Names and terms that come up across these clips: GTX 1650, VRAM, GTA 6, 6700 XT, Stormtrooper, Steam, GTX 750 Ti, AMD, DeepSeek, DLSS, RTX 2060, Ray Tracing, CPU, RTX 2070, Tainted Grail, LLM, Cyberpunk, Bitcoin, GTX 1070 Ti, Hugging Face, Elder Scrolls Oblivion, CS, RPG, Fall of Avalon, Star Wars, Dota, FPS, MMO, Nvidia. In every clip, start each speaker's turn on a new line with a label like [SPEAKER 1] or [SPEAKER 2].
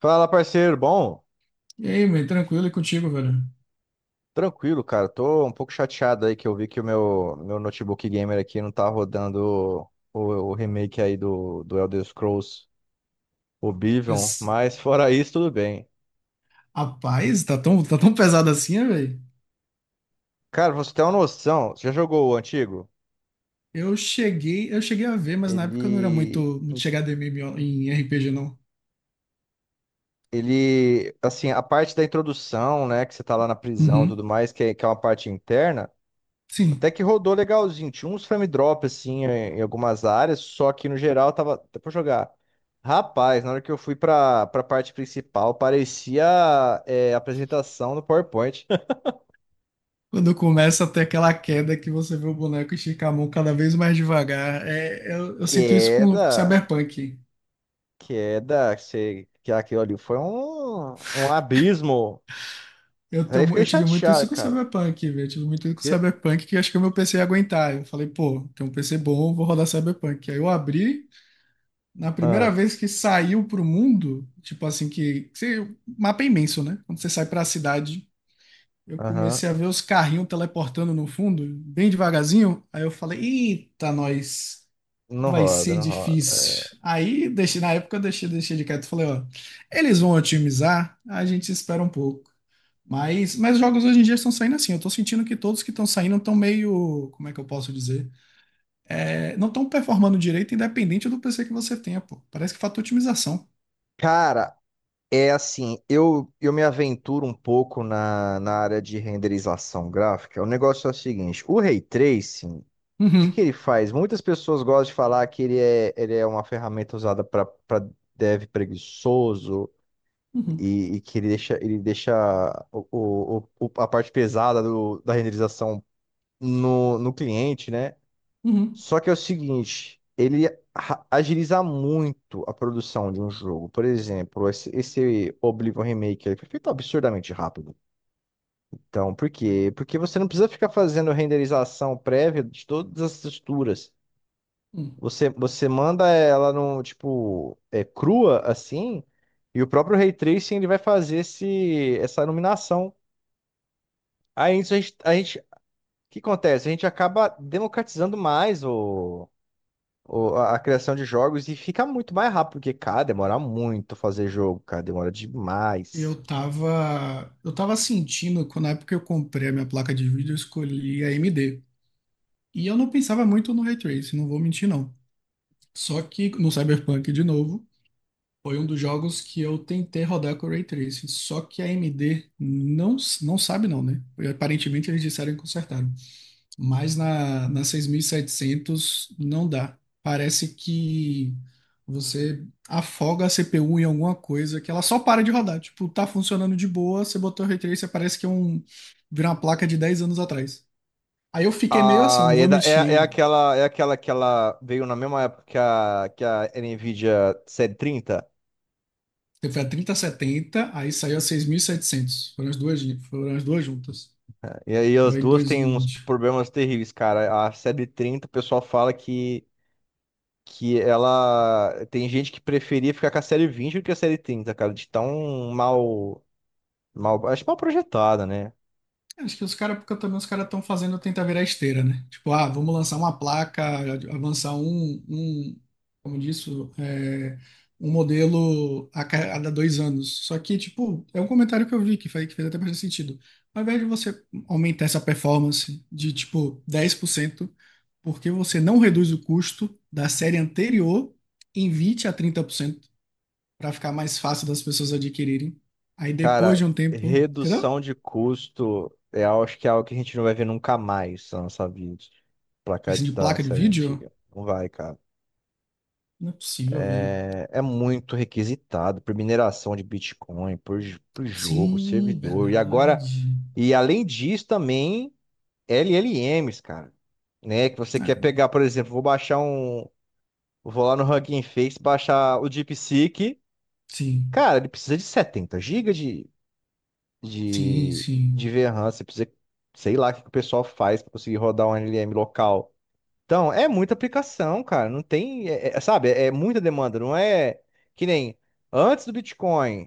[SPEAKER 1] Fala, parceiro. Bom,
[SPEAKER 2] E aí, man, tranquilo e contigo, velho?
[SPEAKER 1] tranquilo, cara. Tô um pouco chateado aí que eu vi que o meu notebook gamer aqui não tá rodando o remake aí do Elder Scrolls Oblivion,
[SPEAKER 2] Esse-
[SPEAKER 1] mas fora isso, tudo bem.
[SPEAKER 2] Rapaz, tá tão pesado assim, né, velho?
[SPEAKER 1] Cara, pra você ter uma noção, você já jogou o antigo?
[SPEAKER 2] Eu cheguei a ver, mas na época eu não era
[SPEAKER 1] Ele,
[SPEAKER 2] muito chegado em MMO em RPG, não.
[SPEAKER 1] ele, assim, a parte da introdução, né, que você tá lá na prisão e
[SPEAKER 2] Uhum.
[SPEAKER 1] tudo mais, que é uma parte interna. Até
[SPEAKER 2] Sim.
[SPEAKER 1] que rodou legalzinho. Tinha uns frame drop assim em algumas áreas, só que no geral tava até pra jogar. Rapaz, na hora que eu fui pra parte principal, parecia apresentação no PowerPoint.
[SPEAKER 2] Quando começa a ter aquela queda que você vê o boneco esticar a mão cada vez mais devagar. É, eu sinto isso com
[SPEAKER 1] Queda,
[SPEAKER 2] Cyberpunk.
[SPEAKER 1] queda, sei que aquilo ali foi um abismo.
[SPEAKER 2] Eu,
[SPEAKER 1] Aí
[SPEAKER 2] tenho, mu-
[SPEAKER 1] fiquei
[SPEAKER 2] eu tive muito
[SPEAKER 1] chateado,
[SPEAKER 2] isso com
[SPEAKER 1] cara.
[SPEAKER 2] Cyberpunk, velho. Eu tive muito isso com
[SPEAKER 1] Que-
[SPEAKER 2] Cyberpunk que eu acho que o meu PC ia aguentar. Eu falei, pô, tem um PC bom, vou rodar Cyberpunk. Aí eu abri. Na primeira
[SPEAKER 1] Ah.
[SPEAKER 2] vez que saiu pro mundo, tipo assim, que mapa é imenso, né? Quando você sai pra cidade, eu
[SPEAKER 1] Aham.
[SPEAKER 2] comecei a ver os carrinhos teleportando no fundo, bem devagarzinho. Aí eu falei, eita, nós, que
[SPEAKER 1] Não
[SPEAKER 2] vai
[SPEAKER 1] roda,
[SPEAKER 2] ser
[SPEAKER 1] não roda. É.
[SPEAKER 2] difícil. Aí, deixei, na época, eu deixei, deixei de quieto. Falei, ó, eles vão otimizar, a gente espera um pouco. Mas os jogos hoje em dia estão saindo assim. Eu tô sentindo que todos que estão saindo estão meio, como é que eu posso dizer? É, não estão performando direito independente do PC que você tenha, pô. Parece que falta otimização.
[SPEAKER 1] Cara, é assim, eu me aventuro um pouco na área de renderização gráfica. O negócio é o seguinte, o Ray Tracing, o que
[SPEAKER 2] Uhum,
[SPEAKER 1] que ele faz? Muitas pessoas gostam de falar que ele é uma ferramenta usada para dev preguiçoso
[SPEAKER 2] uhum,
[SPEAKER 1] e que ele deixa a parte pesada da renderização no cliente, né?
[SPEAKER 2] uhum,
[SPEAKER 1] Só que é o seguinte, ele agiliza muito a produção de um jogo. Por exemplo, esse Oblivion Remake ele foi feito absurdamente rápido. Então, por quê? Porque você não precisa ficar fazendo renderização prévia de todas as texturas.
[SPEAKER 2] uhum.
[SPEAKER 1] Você manda ela no, tipo, crua, assim, e o próprio Ray Tracing ele vai fazer essa iluminação. Aí isso o que acontece? A gente acaba democratizando mais a criação de jogos e fica muito mais rápido, porque, cara, demora muito fazer jogo, cara, demora demais.
[SPEAKER 2] Eu tava sentindo, quando na época que eu comprei a minha placa de vídeo, eu escolhi a AMD. E eu não pensava muito no Ray Tracing, não vou mentir não. Só que no Cyberpunk, de novo, foi um dos jogos que eu tentei rodar com o Ray Tracing. Só que a AMD não sabe não, né? E, aparentemente, eles disseram que consertaram. Mas na 6700 não dá. Parece que você afoga a CPU em alguma coisa que ela só para de rodar. Tipo, tá funcionando de boa, você botou o Ray Tracer, parece que é um, vira uma placa de 10 anos atrás. Aí eu fiquei meio assim, eu
[SPEAKER 1] Ah,
[SPEAKER 2] não
[SPEAKER 1] é,
[SPEAKER 2] vou
[SPEAKER 1] da-
[SPEAKER 2] mentir.
[SPEAKER 1] é aquela que ela veio na mesma época que a Nvidia série 30.
[SPEAKER 2] Você foi trinta setenta, aí saiu a seis mil e setecentos. Foram as duas juntas.
[SPEAKER 1] Né? E aí as
[SPEAKER 2] Foi em
[SPEAKER 1] duas
[SPEAKER 2] dois
[SPEAKER 1] têm
[SPEAKER 2] mil e
[SPEAKER 1] uns
[SPEAKER 2] vinte.
[SPEAKER 1] problemas terríveis, cara. A série 30, o pessoal fala que ela. Tem gente que preferia ficar com a série 20 do que a série 30, cara, de tão mal, acho que mal projetada, né?
[SPEAKER 2] É, acho que os caras, porque também os caras estão fazendo tentar virar esteira, né? Tipo, ah, vamos lançar uma placa, avançar como disso, é, um modelo a cada dois anos. Só que, tipo, é um comentário que eu vi que fez até bastante sentido. Ao invés de você aumentar essa performance de, tipo, 10%, porque você não reduz o custo da série anterior em 20 a 30% para ficar mais fácil das pessoas adquirirem. Aí depois
[SPEAKER 1] Cara,
[SPEAKER 2] de um tempo, entendeu?
[SPEAKER 1] redução de custo é acho que é algo que a gente não vai ver nunca mais na nossa vida. Pra cá
[SPEAKER 2] Assim, de
[SPEAKER 1] da
[SPEAKER 2] placa de
[SPEAKER 1] série
[SPEAKER 2] vídeo.
[SPEAKER 1] antiga. Não vai, cara.
[SPEAKER 2] Não é possível, velho.
[SPEAKER 1] É, muito requisitado por mineração de Bitcoin, por jogo,
[SPEAKER 2] Sim,
[SPEAKER 1] servidor. E agora,
[SPEAKER 2] verdade.
[SPEAKER 1] e além disso, também LLMs, cara. Né? Que você quer
[SPEAKER 2] Ah,
[SPEAKER 1] pegar, por exemplo, vou baixar um. Vou lá no Hugging Face, baixar o DeepSeek.
[SPEAKER 2] sim,
[SPEAKER 1] Cara, ele precisa de 70 GB de,
[SPEAKER 2] sim, sim.
[SPEAKER 1] de VRAM, você precisa, sei lá, o que que o pessoal faz para conseguir rodar um LLM local. Então, é muita aplicação, cara. Não tem, sabe, é muita demanda. Não é que nem antes do Bitcoin,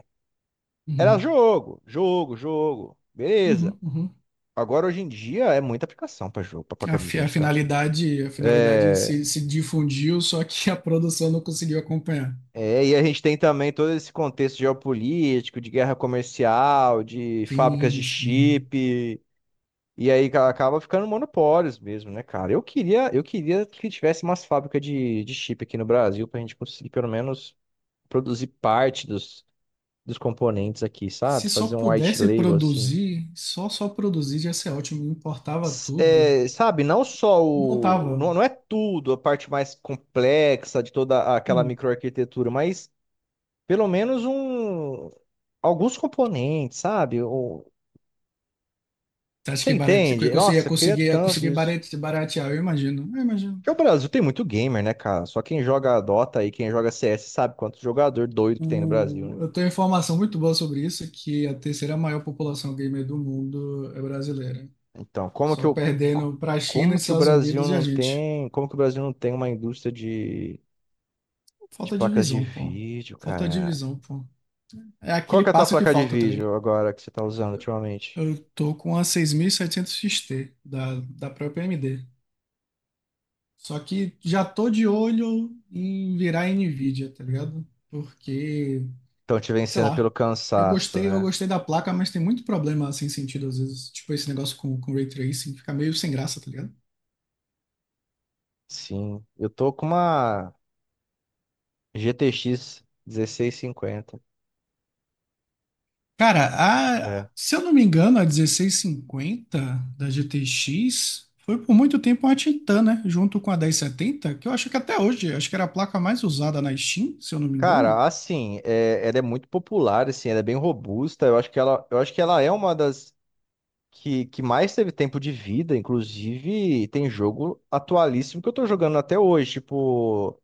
[SPEAKER 1] era
[SPEAKER 2] Uhum,
[SPEAKER 1] jogo, jogo, jogo, beleza.
[SPEAKER 2] uhum, uhum.
[SPEAKER 1] Agora, hoje em dia, é muita aplicação para jogo, para
[SPEAKER 2] A,
[SPEAKER 1] placa de
[SPEAKER 2] a
[SPEAKER 1] vídeo, cara.
[SPEAKER 2] finalidade, a finalidade
[SPEAKER 1] É,
[SPEAKER 2] se difundiu, só que a produção não conseguiu acompanhar.
[SPEAKER 1] e a gente tem também todo esse contexto geopolítico, de guerra comercial, de fábricas
[SPEAKER 2] Sim,
[SPEAKER 1] de
[SPEAKER 2] sim.
[SPEAKER 1] chip. E aí acaba ficando monopólios mesmo, né, cara? Eu queria que tivesse umas fábricas de chip aqui no Brasil pra gente conseguir pelo menos produzir parte dos componentes aqui,
[SPEAKER 2] Se
[SPEAKER 1] sabe?
[SPEAKER 2] só
[SPEAKER 1] Fazer um white
[SPEAKER 2] pudesse
[SPEAKER 1] label assim.
[SPEAKER 2] produzir, só produzir já ia ser ótimo. Importava
[SPEAKER 1] S-
[SPEAKER 2] tudo.
[SPEAKER 1] é, sabe, não só
[SPEAKER 2] Montava.
[SPEAKER 1] o. Não, não é tudo, a parte mais complexa de toda aquela
[SPEAKER 2] Uhum.
[SPEAKER 1] microarquitetura, mas pelo menos alguns componentes, sabe?
[SPEAKER 2] Você acha
[SPEAKER 1] Você
[SPEAKER 2] que barate... que
[SPEAKER 1] entende?
[SPEAKER 2] eu ia
[SPEAKER 1] Nossa, eu queria
[SPEAKER 2] conseguir,
[SPEAKER 1] tanto disso.
[SPEAKER 2] baratear? Eu imagino. Eu imagino.
[SPEAKER 1] Porque o Brasil tem muito gamer, né, cara? Só quem joga Dota e quem joga CS sabe quanto jogador doido que tem no Brasil,
[SPEAKER 2] O,
[SPEAKER 1] né?
[SPEAKER 2] eu tenho informação muito boa sobre isso, que a terceira maior população gamer do mundo é brasileira.
[SPEAKER 1] Então,
[SPEAKER 2] Só perdendo para a China, Estados Unidos e a gente.
[SPEAKER 1] Como que o Brasil não tem uma indústria de
[SPEAKER 2] Falta de
[SPEAKER 1] placas de
[SPEAKER 2] visão, pô.
[SPEAKER 1] vídeo,
[SPEAKER 2] Falta de
[SPEAKER 1] cara?
[SPEAKER 2] visão, pô. É
[SPEAKER 1] Qual
[SPEAKER 2] aquele
[SPEAKER 1] que é a tua
[SPEAKER 2] passo que
[SPEAKER 1] placa de
[SPEAKER 2] falta, tá ligado?
[SPEAKER 1] vídeo agora que você tá usando ultimamente?
[SPEAKER 2] Eu tô com a 6700 XT da, da própria AMD. Só que já tô de olho em virar Nvidia, tá ligado? Porque
[SPEAKER 1] Estão te
[SPEAKER 2] sei
[SPEAKER 1] vencendo
[SPEAKER 2] lá.
[SPEAKER 1] pelo
[SPEAKER 2] Eu
[SPEAKER 1] cansaço,
[SPEAKER 2] gostei, eu
[SPEAKER 1] né?
[SPEAKER 2] gostei da placa, mas tem muito problema sem sentido às vezes. Tipo, esse negócio com Ray Tracing fica meio sem graça, tá ligado?
[SPEAKER 1] Sim, eu tô com uma GTX 1650.
[SPEAKER 2] Cara, a, se eu não me engano, a dezesseis cinquenta da GTX foi por muito tempo uma Titan, né? Junto com a dez setenta, que eu acho que até hoje, acho que era a placa mais usada na Steam, se eu não me engano.
[SPEAKER 1] Cara, assim, ela é muito popular, assim, ela é bem robusta. Eu acho que ela é uma das que mais teve tempo de vida. Inclusive, tem jogo atualíssimo que eu tô jogando até hoje. Tipo,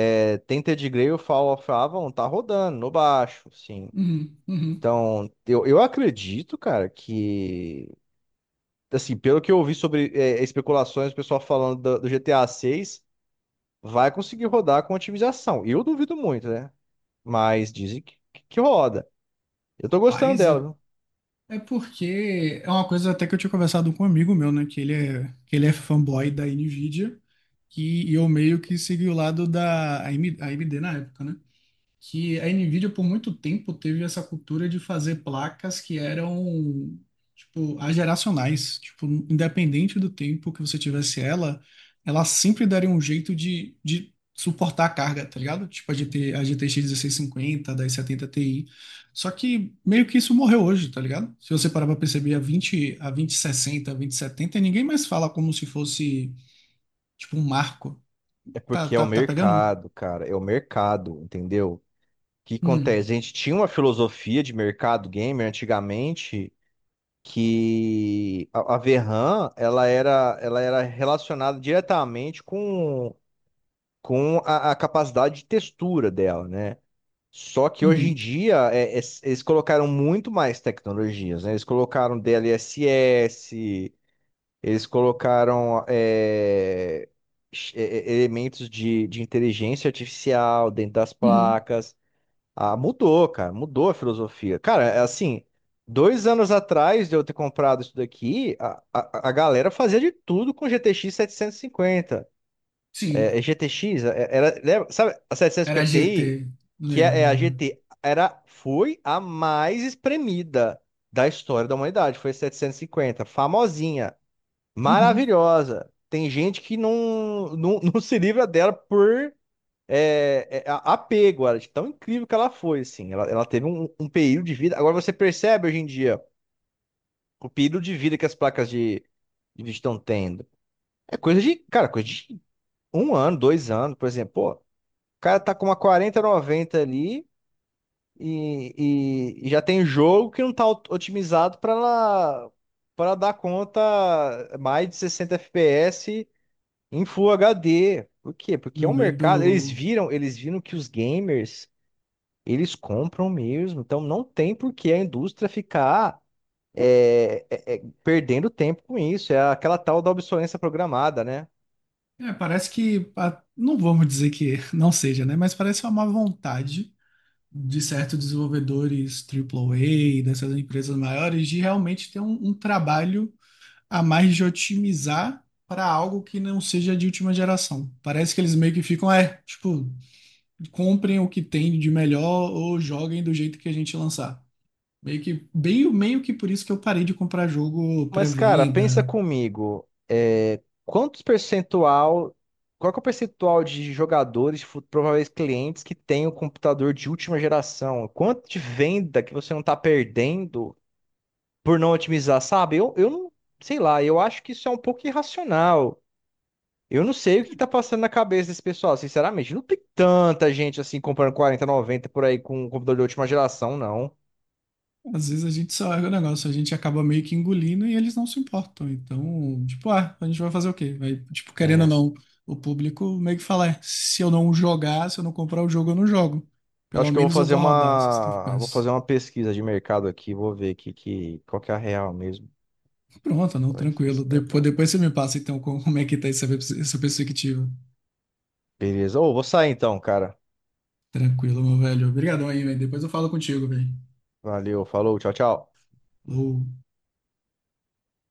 [SPEAKER 1] Tainted Grail, Fall of Avalon, tá rodando no baixo, sim.
[SPEAKER 2] Uhum, uhum.
[SPEAKER 1] Então, eu acredito, cara, que, assim, pelo que eu ouvi sobre especulações, o pessoal falando do GTA 6, vai conseguir rodar com otimização. Eu duvido muito, né? Mas dizem que roda. Eu tô gostando
[SPEAKER 2] Paz,
[SPEAKER 1] dela, viu?
[SPEAKER 2] é porque é uma coisa até que eu tinha conversado com um amigo meu, né? Que ele é fanboy da Nvidia, que e eu meio que segui o lado da AMD na época, né? Que a Nvidia por muito tempo teve essa cultura de fazer placas que eram tipo ageracionais, tipo independente do tempo que você tivesse ela, ela sempre daria um jeito de suportar a carga, tá ligado? Tipo a GTX 1650, a 1070 Ti. Só que meio que isso morreu hoje, tá ligado? Se você parar pra perceber a vinte sessenta, a vinte setenta, ninguém mais fala como se fosse tipo um marco.
[SPEAKER 1] É
[SPEAKER 2] Tá,
[SPEAKER 1] porque é o
[SPEAKER 2] tá pegando?
[SPEAKER 1] mercado, cara. É o mercado, entendeu? O que
[SPEAKER 2] Hum,
[SPEAKER 1] acontece? A gente tinha uma filosofia de mercado gamer antigamente que a VRAM, ela era relacionada diretamente com a capacidade de textura dela, né? Só que hoje em
[SPEAKER 2] uhum,
[SPEAKER 1] dia eles colocaram muito mais tecnologias, né? Eles colocaram DLSS. Eles colocaram elementos de inteligência artificial dentro das
[SPEAKER 2] uhum.
[SPEAKER 1] placas. Ah, mudou, cara, mudou a filosofia. Cara, é assim, 2 anos atrás de eu ter comprado isso daqui, a galera fazia de tudo com GTX 750. É,
[SPEAKER 2] Sim.
[SPEAKER 1] é GTX, sabe a setecentos e
[SPEAKER 2] Era
[SPEAKER 1] cinquenta
[SPEAKER 2] GT,
[SPEAKER 1] Ti, que
[SPEAKER 2] lembro,
[SPEAKER 1] é a
[SPEAKER 2] lembro.
[SPEAKER 1] GT, era, foi a mais espremida da história da humanidade, foi a 750, famosinha.
[SPEAKER 2] Uhum.
[SPEAKER 1] Maravilhosa. Tem gente que não, não, não se livra dela por apego, ela, de tão incrível que ela foi, assim. Ela teve um período de vida. Agora você percebe hoje em dia o período de vida que as placas de vídeo estão tendo. É coisa de, cara, coisa de 1 ano, 2 anos, por exemplo. Pô, o cara tá com uma 4090 ali e, e já tem jogo que não tá otimizado pra ela, para dar conta mais de 60 FPS em Full HD. Por quê? Porque é
[SPEAKER 2] Meu
[SPEAKER 1] um mercado. Eles
[SPEAKER 2] medo.
[SPEAKER 1] viram, eles viram que os gamers, eles compram mesmo. Então não tem por que a indústria ficar perdendo tempo com isso. É aquela tal da obsolescência programada, né?
[SPEAKER 2] É, parece que. Ah, não vamos dizer que não seja, né? Mas parece uma má vontade de certos desenvolvedores triplo A, dessas empresas maiores, de realmente ter um trabalho a mais de otimizar para algo que não seja de última geração. Parece que eles meio que ficam, é, tipo, comprem o que tem de melhor ou joguem do jeito que a gente lançar. Meio que, bem, meio que por isso que eu parei de comprar jogo
[SPEAKER 1] Mas, cara, pensa
[SPEAKER 2] pré-venda.
[SPEAKER 1] comigo. É, quantos percentual. Qual que é o percentual de jogadores, prováveis clientes que tem um computador de última geração? Quanto de venda que você não está perdendo por não otimizar, sabe? Eu não sei lá, eu acho que isso é um pouco irracional. Eu não sei o que tá passando na cabeça desse pessoal, sinceramente. Não tem tanta gente assim comprando 4090 por aí com um computador de última geração, não.
[SPEAKER 2] Às vezes a gente só é o negócio, a gente acaba meio que engolindo e eles não se importam. Então, tipo, ah, a gente vai fazer o quê? Vai, tipo, querendo ou
[SPEAKER 1] É.
[SPEAKER 2] não, o público meio que fala, é, se eu não jogar, se eu não comprar o jogo, eu não jogo.
[SPEAKER 1] Eu
[SPEAKER 2] Pelo
[SPEAKER 1] acho que eu vou
[SPEAKER 2] menos eu
[SPEAKER 1] fazer
[SPEAKER 2] vou rodar 60
[SPEAKER 1] uma, vou
[SPEAKER 2] FPS.
[SPEAKER 1] fazer uma pesquisa de mercado aqui, vou ver aqui que qual que é a real mesmo.
[SPEAKER 2] Pronto, não,
[SPEAKER 1] Olha que
[SPEAKER 2] tranquilo.
[SPEAKER 1] esse tá-
[SPEAKER 2] Depois, depois você me passa, então, como é que tá essa, essa perspectiva.
[SPEAKER 1] Beleza. Ô, vou sair então, cara.
[SPEAKER 2] Tranquilo, meu velho. Obrigadão aí, velho. Depois eu falo contigo, velho.
[SPEAKER 1] Valeu, falou, tchau, tchau.
[SPEAKER 2] Falou.